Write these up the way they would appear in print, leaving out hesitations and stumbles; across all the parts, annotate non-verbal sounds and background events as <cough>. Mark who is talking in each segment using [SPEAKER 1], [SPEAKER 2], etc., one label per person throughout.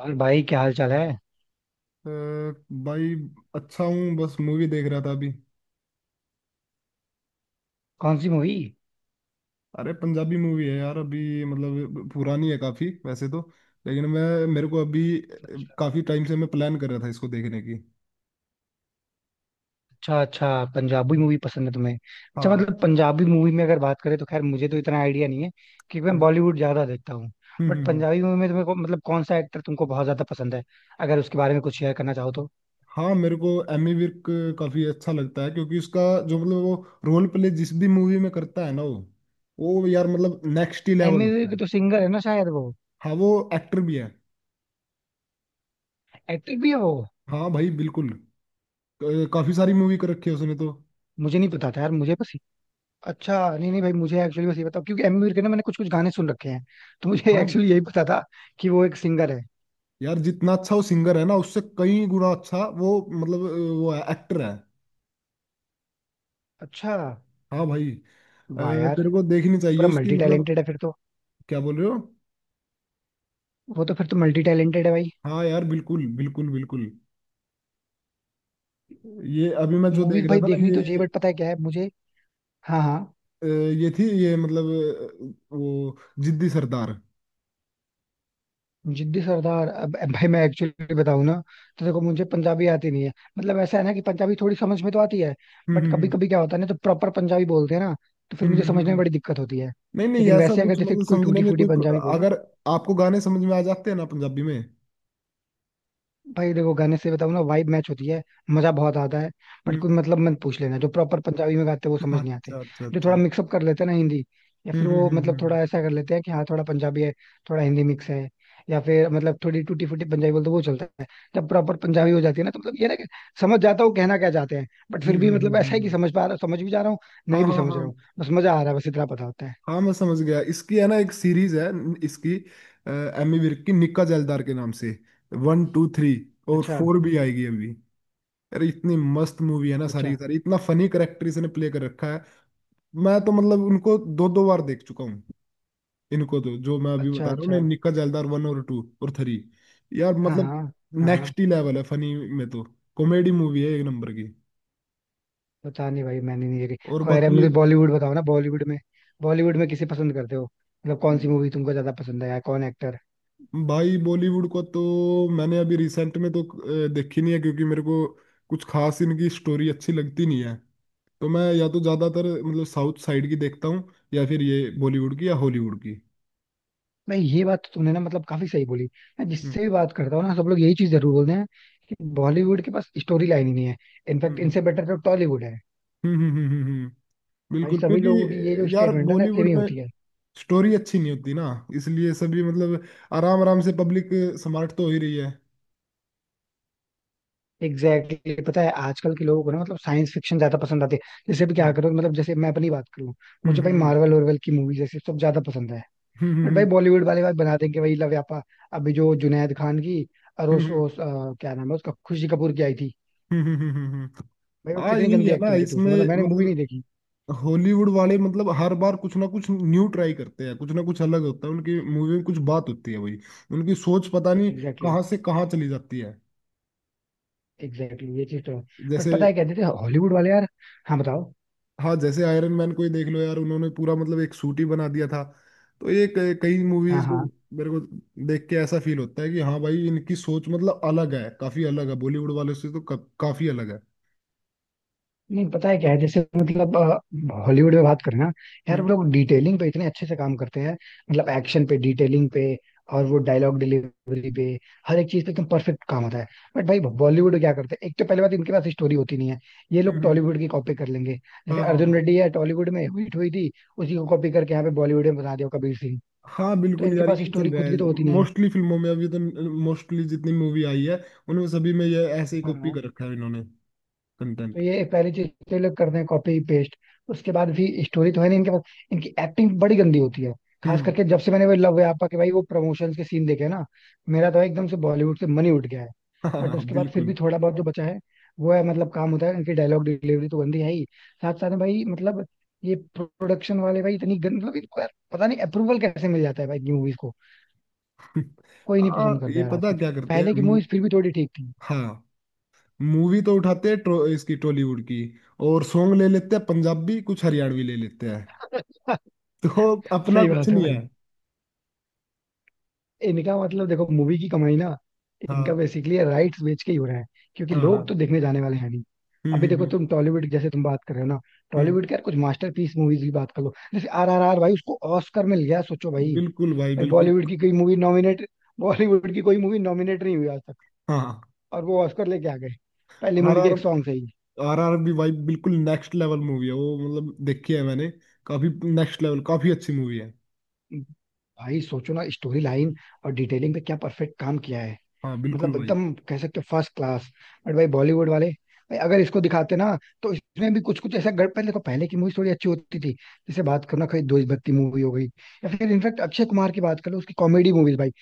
[SPEAKER 1] और भाई, क्या हाल चाल है?
[SPEAKER 2] अ, भाई, अच्छा हूँ। बस मूवी देख रहा था अभी।
[SPEAKER 1] कौन सी मूवी?
[SPEAKER 2] अरे पंजाबी मूवी है यार, अभी मतलब पुरानी है काफी वैसे तो। लेकिन मैं मेरे को अभी काफी टाइम से मैं प्लान कर रहा था इसको देखने की।
[SPEAKER 1] अच्छा, अच्छा. पंजाबी मूवी पसंद है तुम्हें? अच्छा,
[SPEAKER 2] हाँ।
[SPEAKER 1] मतलब पंजाबी मूवी में अगर बात करें तो खैर मुझे तो इतना आइडिया नहीं है, क्योंकि मैं
[SPEAKER 2] हम्म,
[SPEAKER 1] बॉलीवुड ज्यादा देखता हूँ.
[SPEAKER 2] हम्म,
[SPEAKER 1] बट
[SPEAKER 2] हम्म,
[SPEAKER 1] पंजाबी मूवी में तुम्हें मतलब कौन सा एक्टर तुमको बहुत ज्यादा पसंद है, अगर उसके बारे में कुछ शेयर करना चाहो तो.
[SPEAKER 2] हाँ, मेरे को एमी विर्क काफी अच्छा लगता है क्योंकि उसका जो मतलब वो रोल प्ले जिस भी मूवी में करता है ना, वो यार मतलब नेक्स्ट ही लेवल
[SPEAKER 1] एमी विर्क
[SPEAKER 2] होता
[SPEAKER 1] के
[SPEAKER 2] है।
[SPEAKER 1] तो सिंगर है ना शायद वो.
[SPEAKER 2] हाँ, वो एक्टर भी है।
[SPEAKER 1] एक्टर भी है वो?
[SPEAKER 2] हाँ भाई बिल्कुल। काफी सारी मूवी कर रखी है उसने तो।
[SPEAKER 1] मुझे नहीं पता था यार, मुझे बस. अच्छा, नहीं नहीं भाई, मुझे एक्चुअली बस ये बताओ, क्योंकि एमी विर्क के ना मैंने कुछ कुछ गाने सुन रखे हैं. तो मुझे <laughs>
[SPEAKER 2] हाँ
[SPEAKER 1] एक्चुअली यही पता था कि वो एक सिंगर है.
[SPEAKER 2] यार, जितना अच्छा वो सिंगर है ना, उससे कई गुना अच्छा वो मतलब वो है एक्टर है।
[SPEAKER 1] अच्छा.
[SPEAKER 2] हाँ भाई। अ,
[SPEAKER 1] वाह यार.
[SPEAKER 2] तेरे को देखनी
[SPEAKER 1] तो पूरा
[SPEAKER 2] चाहिए उसकी
[SPEAKER 1] मल्टी
[SPEAKER 2] मतलब।
[SPEAKER 1] टैलेंटेड है फिर तो.
[SPEAKER 2] क्या बोल रहे हो।
[SPEAKER 1] वो तो फिर तो मल्टी टैलेंटेड है भाई.
[SPEAKER 2] हाँ यार बिल्कुल बिल्कुल बिल्कुल। ये अभी मैं जो
[SPEAKER 1] मूवीज
[SPEAKER 2] देख रहा
[SPEAKER 1] भाई
[SPEAKER 2] था ना
[SPEAKER 1] देखनी
[SPEAKER 2] ये
[SPEAKER 1] तो चाहिए, बट पता है क्या है मुझे. हाँ, हाँ.
[SPEAKER 2] ये थी ये मतलब वो जिद्दी सरदार। <laughs>
[SPEAKER 1] जिद्दी सरदार. अब भाई मैं एक्चुअली बताऊँ ना, तो देखो, मुझे पंजाबी आती नहीं है. मतलब ऐसा है ना कि पंजाबी थोड़ी समझ में तो आती है,
[SPEAKER 2] हम्म,
[SPEAKER 1] बट कभी
[SPEAKER 2] हम्म,
[SPEAKER 1] कभी क्या होता है ना, तो प्रॉपर पंजाबी बोलते हैं ना, तो फिर
[SPEAKER 2] हम्म,
[SPEAKER 1] मुझे समझने में बड़ी दिक्कत होती है.
[SPEAKER 2] नहीं नहीं,
[SPEAKER 1] लेकिन
[SPEAKER 2] ऐसा
[SPEAKER 1] वैसे अगर
[SPEAKER 2] कुछ
[SPEAKER 1] जैसे
[SPEAKER 2] मतलब
[SPEAKER 1] कोई
[SPEAKER 2] समझने
[SPEAKER 1] टूटी
[SPEAKER 2] में
[SPEAKER 1] फूटी
[SPEAKER 2] कोई
[SPEAKER 1] पंजाबी बोले.
[SPEAKER 2] अगर आपको गाने समझ में आ जाते हैं ना पंजाबी में। <laughs>
[SPEAKER 1] भाई देखो, गाने से बताऊं ना, वाइब मैच होती है. मजा बहुत आता है. बट
[SPEAKER 2] हम्म।
[SPEAKER 1] कोई मतलब मत पूछ लेना, जो प्रॉपर पंजाबी में गाते हैं वो समझ नहीं आते.
[SPEAKER 2] अच्छा अच्छा
[SPEAKER 1] जो थोड़ा
[SPEAKER 2] अच्छा।
[SPEAKER 1] मिक्सअप कर लेते हैं ना हिंदी,
[SPEAKER 2] <laughs>
[SPEAKER 1] या
[SPEAKER 2] हम्म,
[SPEAKER 1] फिर वो
[SPEAKER 2] हम्म,
[SPEAKER 1] मतलब थोड़ा
[SPEAKER 2] हम्म,
[SPEAKER 1] ऐसा कर लेते हैं कि हाँ थोड़ा पंजाबी है, थोड़ा हिंदी मिक्स है, या फिर मतलब थोड़ी टूटी फूटी पंजाबी बोलते हैं, वो चलता है. जब प्रॉपर पंजाबी हो जाती है ना तो मतलब ये ना कि समझ जाता हूँ कहना क्या चाहते हैं, बट फिर
[SPEAKER 2] हम्म,
[SPEAKER 1] भी
[SPEAKER 2] हम्म, हम्म,
[SPEAKER 1] मतलब ऐसा है कि समझ पा रहा, समझ भी जा रहा हूँ, नहीं
[SPEAKER 2] हाँ
[SPEAKER 1] भी
[SPEAKER 2] हाँ
[SPEAKER 1] समझ रहा
[SPEAKER 2] हाँ।
[SPEAKER 1] हूँ, बस मजा आ रहा है, बस इतना पता होता है.
[SPEAKER 2] हाँ मैं समझ गया, इसकी है ना? एक सीरीज है इसकी। अ, एमी विर्क की निक्का जैलदार के नाम से 1 2 3। और
[SPEAKER 1] अच्छा,
[SPEAKER 2] 4 भी आएगी अभी। अरे इतनी मस्त मूवी है ना, सारी
[SPEAKER 1] अच्छा,
[SPEAKER 2] की सारी, इतना फनी करेक्टर इसने प्ले कर रखा है। मैं तो मतलब उनको दो दो बार देख चुका हूँ। इनको तो जो मैं अभी
[SPEAKER 1] अच्छा,
[SPEAKER 2] बता रहा हूँ ना,
[SPEAKER 1] अच्छा.
[SPEAKER 2] निक्का जैलदार 1 और 2 और 3। यार
[SPEAKER 1] हाँ,
[SPEAKER 2] मतलब
[SPEAKER 1] हाँ, हाँ, हाँ.
[SPEAKER 2] नेक्स्ट ही लेवल है फनी में तो। कॉमेडी मूवी है एक नंबर की।
[SPEAKER 1] पता नहीं भाई, मैंने नहीं देखी.
[SPEAKER 2] और
[SPEAKER 1] खैर है,
[SPEAKER 2] बाकी ये।
[SPEAKER 1] मुझे बॉलीवुड बताओ ना, बॉलीवुड में. बॉलीवुड में किसे पसंद करते हो, मतलब कौन सी मूवी तुमको ज्यादा पसंद है या कौन एक्टर?
[SPEAKER 2] भाई बॉलीवुड को तो मैंने अभी रिसेंट में तो देखी नहीं है, क्योंकि मेरे को कुछ खास इनकी स्टोरी अच्छी लगती नहीं है। तो मैं या तो ज्यादातर मतलब साउथ साइड की देखता हूँ, या फिर ये बॉलीवुड की या हॉलीवुड की।
[SPEAKER 1] मैं, ये बात तो तुमने ना मतलब काफी सही बोली. मैं
[SPEAKER 2] हम्म,
[SPEAKER 1] जिससे भी बात करता हूँ ना, सब लोग यही चीज जरूर बोलते हैं कि बॉलीवुड के पास स्टोरी लाइन ही नहीं है. इनफैक्ट
[SPEAKER 2] हम्म,
[SPEAKER 1] इनसे बेटर तो टॉलीवुड है.
[SPEAKER 2] हम्म, हम्म,
[SPEAKER 1] भाई
[SPEAKER 2] बिल्कुल
[SPEAKER 1] सभी लोगों की ये जो
[SPEAKER 2] क्योंकि यार
[SPEAKER 1] स्टेटमेंट है ना, सेम
[SPEAKER 2] बॉलीवुड
[SPEAKER 1] ही
[SPEAKER 2] में
[SPEAKER 1] होती है.
[SPEAKER 2] स्टोरी अच्छी नहीं होती ना, इसलिए सभी मतलब आराम आराम से पब्लिक स्मार्ट तो हो ही रही है।
[SPEAKER 1] Exactly exactly. पता है आजकल के लोगों को ना मतलब साइंस फिक्शन ज्यादा पसंद आती है. जैसे भी क्या
[SPEAKER 2] हम्म,
[SPEAKER 1] करो, मतलब जैसे मैं अपनी बात करूँ,
[SPEAKER 2] हम्म,
[SPEAKER 1] मुझे भाई
[SPEAKER 2] हम्म,
[SPEAKER 1] मार्वल वार्वल की मूवीज ऐसे सब ज्यादा पसंद है.
[SPEAKER 2] हम्म,
[SPEAKER 1] बट भाई
[SPEAKER 2] हम्म,
[SPEAKER 1] बॉलीवुड वाले भाई बना देंगे वही लव यापा. अभी जो जुनैद खान की और
[SPEAKER 2] हम्म,
[SPEAKER 1] उस,
[SPEAKER 2] हम्म,
[SPEAKER 1] उस अ, क्या नाम है उसका, खुशी कपूर की आई थी.
[SPEAKER 2] हम्म।
[SPEAKER 1] भाई वो
[SPEAKER 2] हाँ
[SPEAKER 1] कितनी
[SPEAKER 2] यही
[SPEAKER 1] गंदी
[SPEAKER 2] है ना
[SPEAKER 1] एक्टिंग की थी
[SPEAKER 2] इसमें
[SPEAKER 1] उसमें, मतलब मैंने मूवी नहीं
[SPEAKER 2] मतलब।
[SPEAKER 1] देखी.
[SPEAKER 2] हॉलीवुड वाले मतलब हर बार कुछ ना कुछ न्यू ट्राई करते हैं, कुछ ना कुछ अलग होता है उनकी मूवी में, कुछ बात होती है भाई। उनकी सोच पता नहीं
[SPEAKER 1] एग्जैक्टली.
[SPEAKER 2] कहाँ से कहाँ चली जाती है।
[SPEAKER 1] एग्जैक्टली, ये चीज तो है. बट
[SPEAKER 2] जैसे।
[SPEAKER 1] पता है कहते थे हॉलीवुड वाले यार. हाँ बताओ.
[SPEAKER 2] हाँ जैसे आयरन मैन को ही देख लो यार, उन्होंने पूरा मतलब एक सूट ही बना दिया था। तो ये कई
[SPEAKER 1] हाँ,
[SPEAKER 2] मूवीज को,
[SPEAKER 1] हाँ.
[SPEAKER 2] मेरे को देख के ऐसा फील होता है कि हाँ भाई, इनकी सोच मतलब अलग है, काफी अलग है बॉलीवुड वालों से, तो काफी अलग है।
[SPEAKER 1] नहीं, पता है क्या है, जैसे मतलब हॉलीवुड में बात करें ना, यार
[SPEAKER 2] हम्म,
[SPEAKER 1] वो लोग डिटेलिंग पे इतने अच्छे से काम करते हैं, मतलब एक्शन पे, डिटेलिंग पे, और वो डायलॉग डिलीवरी पे, हर एक चीज पे एकदम परफेक्ट काम होता है. बट भाई बॉलीवुड में क्या करते हैं, एक तो पहले बात इनके पास स्टोरी होती नहीं है. ये लोग
[SPEAKER 2] हम्म।
[SPEAKER 1] टॉलीवुड की कॉपी कर लेंगे. जैसे
[SPEAKER 2] हाँ हाँ हाँ।
[SPEAKER 1] अर्जुन रेड्डी है, टॉलीवुड में हिट हुई थी, उसी को कॉपी करके यहाँ पे बॉलीवुड में बना दिया कबीर सिंह.
[SPEAKER 2] हाँ
[SPEAKER 1] तो
[SPEAKER 2] बिल्कुल
[SPEAKER 1] इनके
[SPEAKER 2] यार,
[SPEAKER 1] पास
[SPEAKER 2] यही चल
[SPEAKER 1] स्टोरी
[SPEAKER 2] रहा
[SPEAKER 1] खुद की तो
[SPEAKER 2] है।
[SPEAKER 1] होती नहीं
[SPEAKER 2] मोस्टली फिल्मों में अभी तो, मोस्टली जितनी मूवी आई है उनमें सभी में ये ऐसे ही कॉपी
[SPEAKER 1] है.
[SPEAKER 2] कर रखा है इन्होंने
[SPEAKER 1] तो
[SPEAKER 2] कंटेंट।
[SPEAKER 1] ये पहली चीज तो ये लोग करते हैं, कॉपी पेस्ट. उसके बाद भी स्टोरी तो है नहीं इनके पास. इनकी एक्टिंग बड़ी गंदी होती है, खास
[SPEAKER 2] हम्म।
[SPEAKER 1] करके जब से मैंने वो लव है आपा के भाई वो प्रमोशंस के सीन देखे ना, मेरा तो एकदम से बॉलीवुड से मन ही उठ गया है.
[SPEAKER 2] <laughs>
[SPEAKER 1] बट
[SPEAKER 2] हाँ
[SPEAKER 1] उसके बाद फिर
[SPEAKER 2] बिल्कुल।
[SPEAKER 1] भी थोड़ा बहुत जो बचा है, वो है मतलब काम होता है, इनकी डायलॉग डिलीवरी तो गंदी है ही, साथ साथ में भाई मतलब ये प्रोडक्शन वाले भाई इतनी गंद, मतलब इनको यार पता नहीं अप्रूवल कैसे मिल जाता है भाई मूवीज को. कोई नहीं
[SPEAKER 2] हाँ,
[SPEAKER 1] पसंद करता
[SPEAKER 2] ये
[SPEAKER 1] यार
[SPEAKER 2] पता
[SPEAKER 1] आजकल.
[SPEAKER 2] क्या करते हैं
[SPEAKER 1] पहले की मूवीज फिर भी थोड़ी ठीक थी.
[SPEAKER 2] हाँ, मूवी तो उठाते हैं इसकी टॉलीवुड की। और सॉन्ग ले लेते हैं पंजाबी, कुछ हरियाणवी ले लेते हैं।
[SPEAKER 1] <laughs>
[SPEAKER 2] <laughs> तो अपना
[SPEAKER 1] सही
[SPEAKER 2] कुछ
[SPEAKER 1] बात है
[SPEAKER 2] नहीं है।
[SPEAKER 1] भाई. इनका मतलब देखो मूवी की कमाई ना, इनका
[SPEAKER 2] हाँ
[SPEAKER 1] बेसिकली राइट्स बेच के ही हो रहा है, क्योंकि
[SPEAKER 2] हाँ
[SPEAKER 1] लोग
[SPEAKER 2] हाँ,
[SPEAKER 1] तो देखने जाने वाले हैं नहीं.
[SPEAKER 2] हम्म,
[SPEAKER 1] अभी
[SPEAKER 2] हम्म,
[SPEAKER 1] देखो
[SPEAKER 2] हम्म,
[SPEAKER 1] तुम टॉलीवुड, जैसे तुम बात कर रहे हो ना,
[SPEAKER 2] हम्म।
[SPEAKER 1] टॉलीवुड के यार कुछ मास्टरपीस मूवीज की बात कर लो, जैसे आर आर आर, भाई उसको ऑस्कर मिल गया, सोचो भाई.
[SPEAKER 2] बिल्कुल भाई
[SPEAKER 1] भाई
[SPEAKER 2] बिल्कुल।
[SPEAKER 1] बॉलीवुड की कोई मूवी नॉमिनेट, बॉलीवुड की कोई मूवी नॉमिनेट नहीं हुई आज तक,
[SPEAKER 2] हाँ।
[SPEAKER 1] और वो ऑस्कर लेके आ गए पहली
[SPEAKER 2] आर
[SPEAKER 1] मूवी के
[SPEAKER 2] आर
[SPEAKER 1] एक सॉन्ग से ही.
[SPEAKER 2] आर आर बी भाई, बिल्कुल नेक्स्ट लेवल मूवी है वो, मतलब देखी है मैंने काफी। नेक्स्ट लेवल काफी अच्छी मूवी है।
[SPEAKER 1] भाई सोचो ना, स्टोरी लाइन और डिटेलिंग पे क्या परफेक्ट काम किया है.
[SPEAKER 2] हाँ बिल्कुल
[SPEAKER 1] मतलब
[SPEAKER 2] भाई।
[SPEAKER 1] एकदम कह सकते हो फर्स्ट क्लास. बट भाई बॉलीवुड वाले, भाई अगर इसको दिखाते ना, तो इसमें भी कुछ कुछ ऐसा गड़. पहले देखो, पहले की मूवी थोड़ी अच्छी होती थी, जैसे बात करो ना कोई देशभक्ति मूवी हो गई, या फिर इनफैक्ट अक्षय कुमार की बात करो, उसकी कॉमेडी मूवीज भाई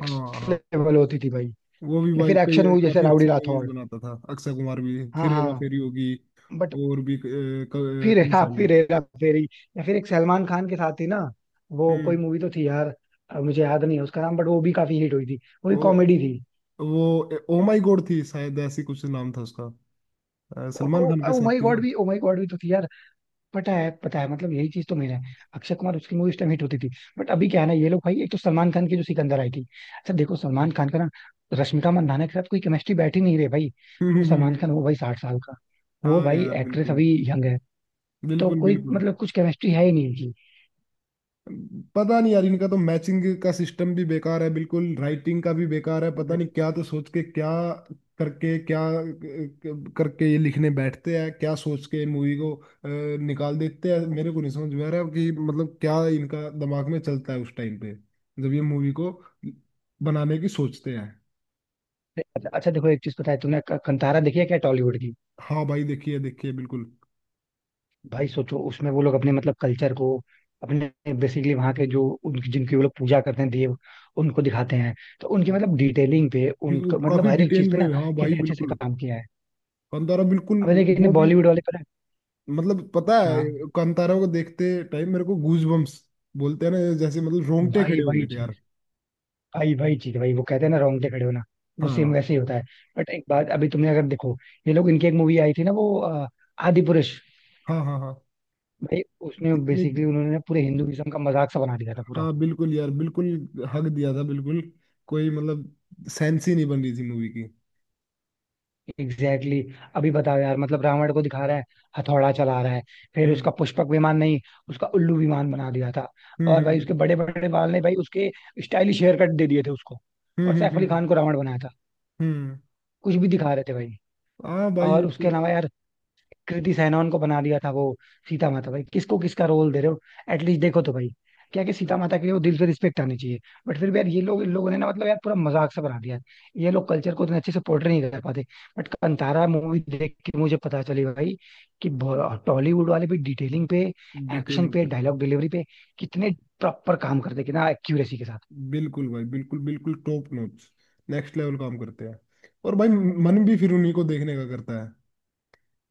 [SPEAKER 2] हाँ हाँ,
[SPEAKER 1] लेवल होती थी भाई.
[SPEAKER 2] वो भी
[SPEAKER 1] या
[SPEAKER 2] भाई
[SPEAKER 1] फिर एक्शन
[SPEAKER 2] कई
[SPEAKER 1] मूवी जैसे
[SPEAKER 2] काफी
[SPEAKER 1] राउडी
[SPEAKER 2] अच्छी मूवीज
[SPEAKER 1] राठौड़.
[SPEAKER 2] बनाता था अक्षय कुमार भी,
[SPEAKER 1] हाँ,
[SPEAKER 2] फिर हेरा
[SPEAKER 1] हाँ.
[SPEAKER 2] फेरी होगी।
[SPEAKER 1] बट
[SPEAKER 2] और भी
[SPEAKER 1] फिर <laughs>
[SPEAKER 2] कई सारी है।
[SPEAKER 1] हेरा फेरी. या फिर एक सलमान खान के साथ ही ना वो कोई
[SPEAKER 2] हम्म,
[SPEAKER 1] मूवी तो थी यार, अब मुझे याद नहीं है उसका नाम, बट वो भी काफी हिट हुई थी, वो भी
[SPEAKER 2] वो
[SPEAKER 1] कॉमेडी थी.
[SPEAKER 2] वो ओ माई गॉड थी शायद, ऐसी कुछ नाम था उसका। सलमान खान के
[SPEAKER 1] ओ
[SPEAKER 2] साथ
[SPEAKER 1] माय
[SPEAKER 2] थी
[SPEAKER 1] गॉड
[SPEAKER 2] ना।
[SPEAKER 1] भी, ओ माय
[SPEAKER 2] <laughs>
[SPEAKER 1] गॉड भी तो थी यार. पता है, पता है, मतलब यही चीज तो मेरा है, अक्षय कुमार, उसकी मूवी उस टाइम हिट होती थी. बट अभी क्या है ना, ये लोग भाई एक तो सलमान खान की जो सिकंदर आई थी, अच्छा देखो सलमान खान का ना रश्मिका मंदाना के साथ कोई केमिस्ट्री बैठ ही नहीं रही भाई.
[SPEAKER 2] हम्म,
[SPEAKER 1] वो सलमान खान वो भाई 60 साल का, वो
[SPEAKER 2] हाँ
[SPEAKER 1] भाई
[SPEAKER 2] यार
[SPEAKER 1] एक्ट्रेस
[SPEAKER 2] बिल्कुल
[SPEAKER 1] अभी यंग है, तो
[SPEAKER 2] बिल्कुल
[SPEAKER 1] कोई
[SPEAKER 2] बिल्कुल।
[SPEAKER 1] मतलब कुछ केमिस्ट्री है ही नहीं इनकी.
[SPEAKER 2] पता नहीं यार, इनका तो मैचिंग का सिस्टम भी बेकार है बिल्कुल, राइटिंग का भी बेकार है। पता नहीं, क्या तो सोच के, क्या करके क्या करके ये लिखने बैठते हैं, क्या सोच के मूवी को निकाल देते हैं। मेरे को नहीं समझ में आ रहा कि मतलब क्या इनका दिमाग में चलता है उस टाइम पे जब ये मूवी को बनाने की सोचते हैं।
[SPEAKER 1] अच्छा देखो एक चीज, पता है तुमने कंतारा देखी है क्या, टॉलीवुड की?
[SPEAKER 2] हाँ भाई देखिए देखिए बिल्कुल।
[SPEAKER 1] भाई सोचो उसमें वो लोग अपने मतलब कल्चर को, अपने, बेसिकली वहाँ के जो उनकी जिनकी वो लोग पूजा करते हैं देव, उनको दिखाते हैं. तो उनकी
[SPEAKER 2] हाँ,
[SPEAKER 1] मतलब डिटेलिंग पे,
[SPEAKER 2] क्योंकि
[SPEAKER 1] उनका मतलब
[SPEAKER 2] काफी
[SPEAKER 1] हर एक चीज
[SPEAKER 2] डिटेल
[SPEAKER 1] पे
[SPEAKER 2] में,
[SPEAKER 1] ना
[SPEAKER 2] हाँ
[SPEAKER 1] कितने
[SPEAKER 2] भाई
[SPEAKER 1] अच्छे से
[SPEAKER 2] बिल्कुल।
[SPEAKER 1] काम किया है.
[SPEAKER 2] कंतारा बिल्कुल।
[SPEAKER 1] अब देखिए कितने
[SPEAKER 2] वो भी
[SPEAKER 1] बॉलीवुड वाले पर.
[SPEAKER 2] मतलब पता है
[SPEAKER 1] हाँ
[SPEAKER 2] कांतारा को देखते टाइम मेरे को गूज बम्स बोलते हैं ना, जैसे मतलब रोंगटे
[SPEAKER 1] भाई
[SPEAKER 2] खड़े हो गए
[SPEAKER 1] वही
[SPEAKER 2] थे
[SPEAKER 1] चीज,
[SPEAKER 2] यार।
[SPEAKER 1] भाई वही चीज, भाई वो कहते हैं ना रोंगटे खड़े होना, वो सेम
[SPEAKER 2] हाँ।
[SPEAKER 1] वैसे ही होता है. बट एक बात, अभी तुमने अगर देखो, ये लोग, इनकी एक मूवी आई थी ना वो, आदि पुरुष.
[SPEAKER 2] हाँ हाँ हाँ।
[SPEAKER 1] भाई उसमें
[SPEAKER 2] कितनी।
[SPEAKER 1] बेसिकली उन्होंने पूरे हिंदुइज्म का मजाक सा बना दिया था पूरा.
[SPEAKER 2] हाँ बिल्कुल यार बिल्कुल, हक दिया था बिल्कुल, कोई मतलब सेंस ही नहीं बन रही थी मूवी की।
[SPEAKER 1] Exactly exactly. अभी बताओ यार, मतलब रावण को दिखा रहा है, हथौड़ा चला रहा है, फिर
[SPEAKER 2] हम्म,
[SPEAKER 1] उसका पुष्पक विमान नहीं, उसका उल्लू विमान बना दिया था.
[SPEAKER 2] हम्म,
[SPEAKER 1] और भाई उसके
[SPEAKER 2] हम्म,
[SPEAKER 1] बड़े बड़े बाल ने, भाई उसके स्टाइलिश हेयर कट दे दिए थे उसको.
[SPEAKER 2] हम्म,
[SPEAKER 1] और
[SPEAKER 2] हम्म,
[SPEAKER 1] सैफ अली खान को रावण बनाया था.
[SPEAKER 2] हम्म।
[SPEAKER 1] कुछ भी दिखा रहे थे भाई.
[SPEAKER 2] हाँ भाई ये
[SPEAKER 1] और उसके
[SPEAKER 2] तो।
[SPEAKER 1] अलावा यार कृति सैनन को बना दिया था वो सीता माता. भाई किसको किसका रोल दे रहे हो? एटलीस्ट देखो तो भाई, क्या है कि सीता माता के लिए वो दिल से रिस्पेक्ट आनी चाहिए. बट फिर भी यार ये लोग, इन लोगों ने ना मतलब यार पूरा मजाक सा बना दिया. ये लोग कल्चर को इतने अच्छे से पोर्ट्रे नहीं कर पाते. बट कंतारा मूवी देख के मुझे पता चली भाई कि टॉलीवुड वाले भी डिटेलिंग पे, एक्शन
[SPEAKER 2] डिटेलिंग
[SPEAKER 1] पे,
[SPEAKER 2] पे।
[SPEAKER 1] डायलॉग डिलीवरी पे कितने प्रॉपर काम करते, कितना एक्यूरेसी के साथ.
[SPEAKER 2] बिल्कुल भाई बिल्कुल बिल्कुल टॉप नॉच, नेक्स्ट लेवल काम करते हैं। और भाई मन भी फिर उन्हीं को देखने का करता है।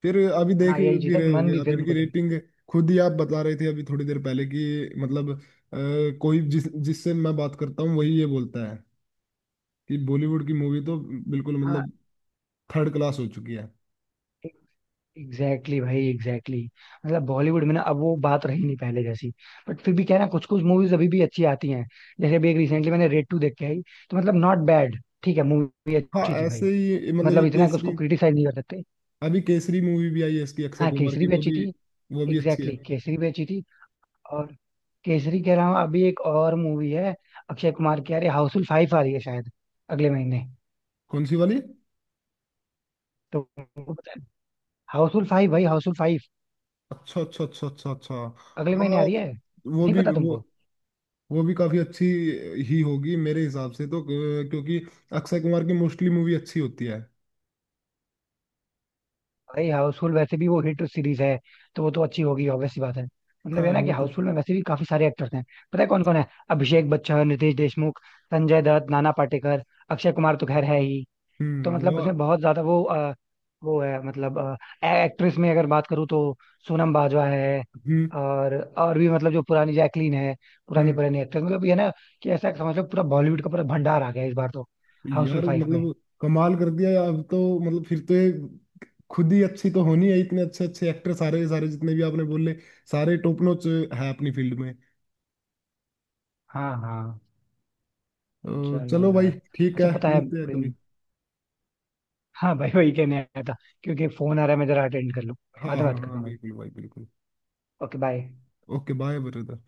[SPEAKER 2] फिर अभी देख
[SPEAKER 1] हाँ यही
[SPEAKER 2] भी
[SPEAKER 1] चीज है कि
[SPEAKER 2] रहे
[SPEAKER 1] मन
[SPEAKER 2] होगे
[SPEAKER 1] भी
[SPEAKER 2] आप,
[SPEAKER 1] फिर
[SPEAKER 2] इनकी
[SPEAKER 1] उनको देंगे.
[SPEAKER 2] रेटिंग खुद ही आप बता रहे थे अभी थोड़ी देर पहले कि मतलब कोई जिस जिससे मैं बात करता हूँ वही ये बोलता है कि बॉलीवुड की मूवी तो बिल्कुल
[SPEAKER 1] हाँ.
[SPEAKER 2] मतलब थर्ड क्लास हो चुकी है।
[SPEAKER 1] एग्जैक्टली exactly भाई, एग्जैक्टली exactly. मतलब बॉलीवुड में ना अब वो बात रही नहीं पहले जैसी, बट फिर भी क्या है ना कुछ कुछ मूवीज अभी भी अच्छी आती हैं. जैसे अभी एक रिसेंटली मैंने रेड 2 देख के आई, तो मतलब नॉट बैड, ठीक है, मूवी
[SPEAKER 2] हाँ
[SPEAKER 1] अच्छी थी
[SPEAKER 2] ऐसे
[SPEAKER 1] भाई.
[SPEAKER 2] ही मतलब ये
[SPEAKER 1] मतलब इतना कि उसको
[SPEAKER 2] केसरी।
[SPEAKER 1] क्रिटिसाइज नहीं कर सकते.
[SPEAKER 2] अभी केसरी मूवी भी आई है इसकी अक्षय
[SPEAKER 1] हाँ
[SPEAKER 2] कुमार
[SPEAKER 1] केसरी
[SPEAKER 2] की,
[SPEAKER 1] भी
[SPEAKER 2] वो
[SPEAKER 1] अच्छी
[SPEAKER 2] भी।
[SPEAKER 1] थी.
[SPEAKER 2] वो भी अच्छी
[SPEAKER 1] एग्जैक्टली
[SPEAKER 2] है।
[SPEAKER 1] exactly, केसरी भी अच्छी थी. और केसरी के अलावा अभी एक और मूवी है अक्षय कुमार की, यार हाउसफुल 5 आ रही है शायद अगले महीने.
[SPEAKER 2] कौन सी वाली?
[SPEAKER 1] तो हाउसफुल 5 भाई, हाउसफुल 5.
[SPEAKER 2] अच्छा अच्छा अच्छा अच्छा अच्छा।
[SPEAKER 1] अगले
[SPEAKER 2] हाँ
[SPEAKER 1] महीने आ रही है,
[SPEAKER 2] वो
[SPEAKER 1] नहीं
[SPEAKER 2] भी
[SPEAKER 1] पता
[SPEAKER 2] वो
[SPEAKER 1] तुमको?
[SPEAKER 2] वो भी काफी अच्छी ही होगी मेरे हिसाब से तो, क्योंकि अक्षय कुमार की मोस्टली मूवी अच्छी होती है।
[SPEAKER 1] भाई हाउसफुल वैसे भी वो हिट सीरीज है, तो वो तो अच्छी होगी ऑब्वियस सी बात है, मतलब ये
[SPEAKER 2] हाँ
[SPEAKER 1] ना कि
[SPEAKER 2] वो तो।
[SPEAKER 1] हाउसफुल में वैसे भी काफी सारे एक्टर्स हैं. पता है कौन कौन है? अभिषेक बच्चन, रितेश देशमुख, संजय दत्त, नाना पाटेकर, अक्षय कुमार तो खैर है ही. तो मतलब
[SPEAKER 2] वो।
[SPEAKER 1] उसमें बहुत ज्यादा वो वो है मतलब, एक्ट्रेस में अगर बात करूँ तो सोनम बाजवा है,
[SPEAKER 2] हम्म,
[SPEAKER 1] और भी मतलब जो पुरानी जैकलीन है, पुरानी
[SPEAKER 2] हम्म,
[SPEAKER 1] पुरानी एक्ट्रेस मतलब ये ना कि ऐसा समझ लो पूरा बॉलीवुड का पूरा भंडार आ गया इस बार तो हाउसफुल
[SPEAKER 2] यार
[SPEAKER 1] फाइव में.
[SPEAKER 2] मतलब कमाल कर दिया यार। अब तो मतलब फिर तो ये खुद ही अच्छी तो होनी है, इतने अच्छे अच्छे एक्टर, सारे सारे जितने भी आपने बोले, सारे टॉप नॉच है अपनी फील्ड में।
[SPEAKER 1] हाँ, हाँ.
[SPEAKER 2] तो
[SPEAKER 1] चलो
[SPEAKER 2] चलो भाई
[SPEAKER 1] यार.
[SPEAKER 2] ठीक
[SPEAKER 1] अच्छा,
[SPEAKER 2] है,
[SPEAKER 1] पता है,
[SPEAKER 2] मिलते हैं कभी।
[SPEAKER 1] हाँ भाई, वही कहने आया था, क्योंकि फोन आ रहा है, मैं जरा अटेंड कर लूँ.
[SPEAKER 2] हाँ
[SPEAKER 1] बाद में
[SPEAKER 2] हाँ
[SPEAKER 1] बात करता
[SPEAKER 2] हाँ
[SPEAKER 1] हूँ भाई.
[SPEAKER 2] बिल्कुल भाई बिल्कुल।
[SPEAKER 1] Okay bye.
[SPEAKER 2] Okay, bye brother.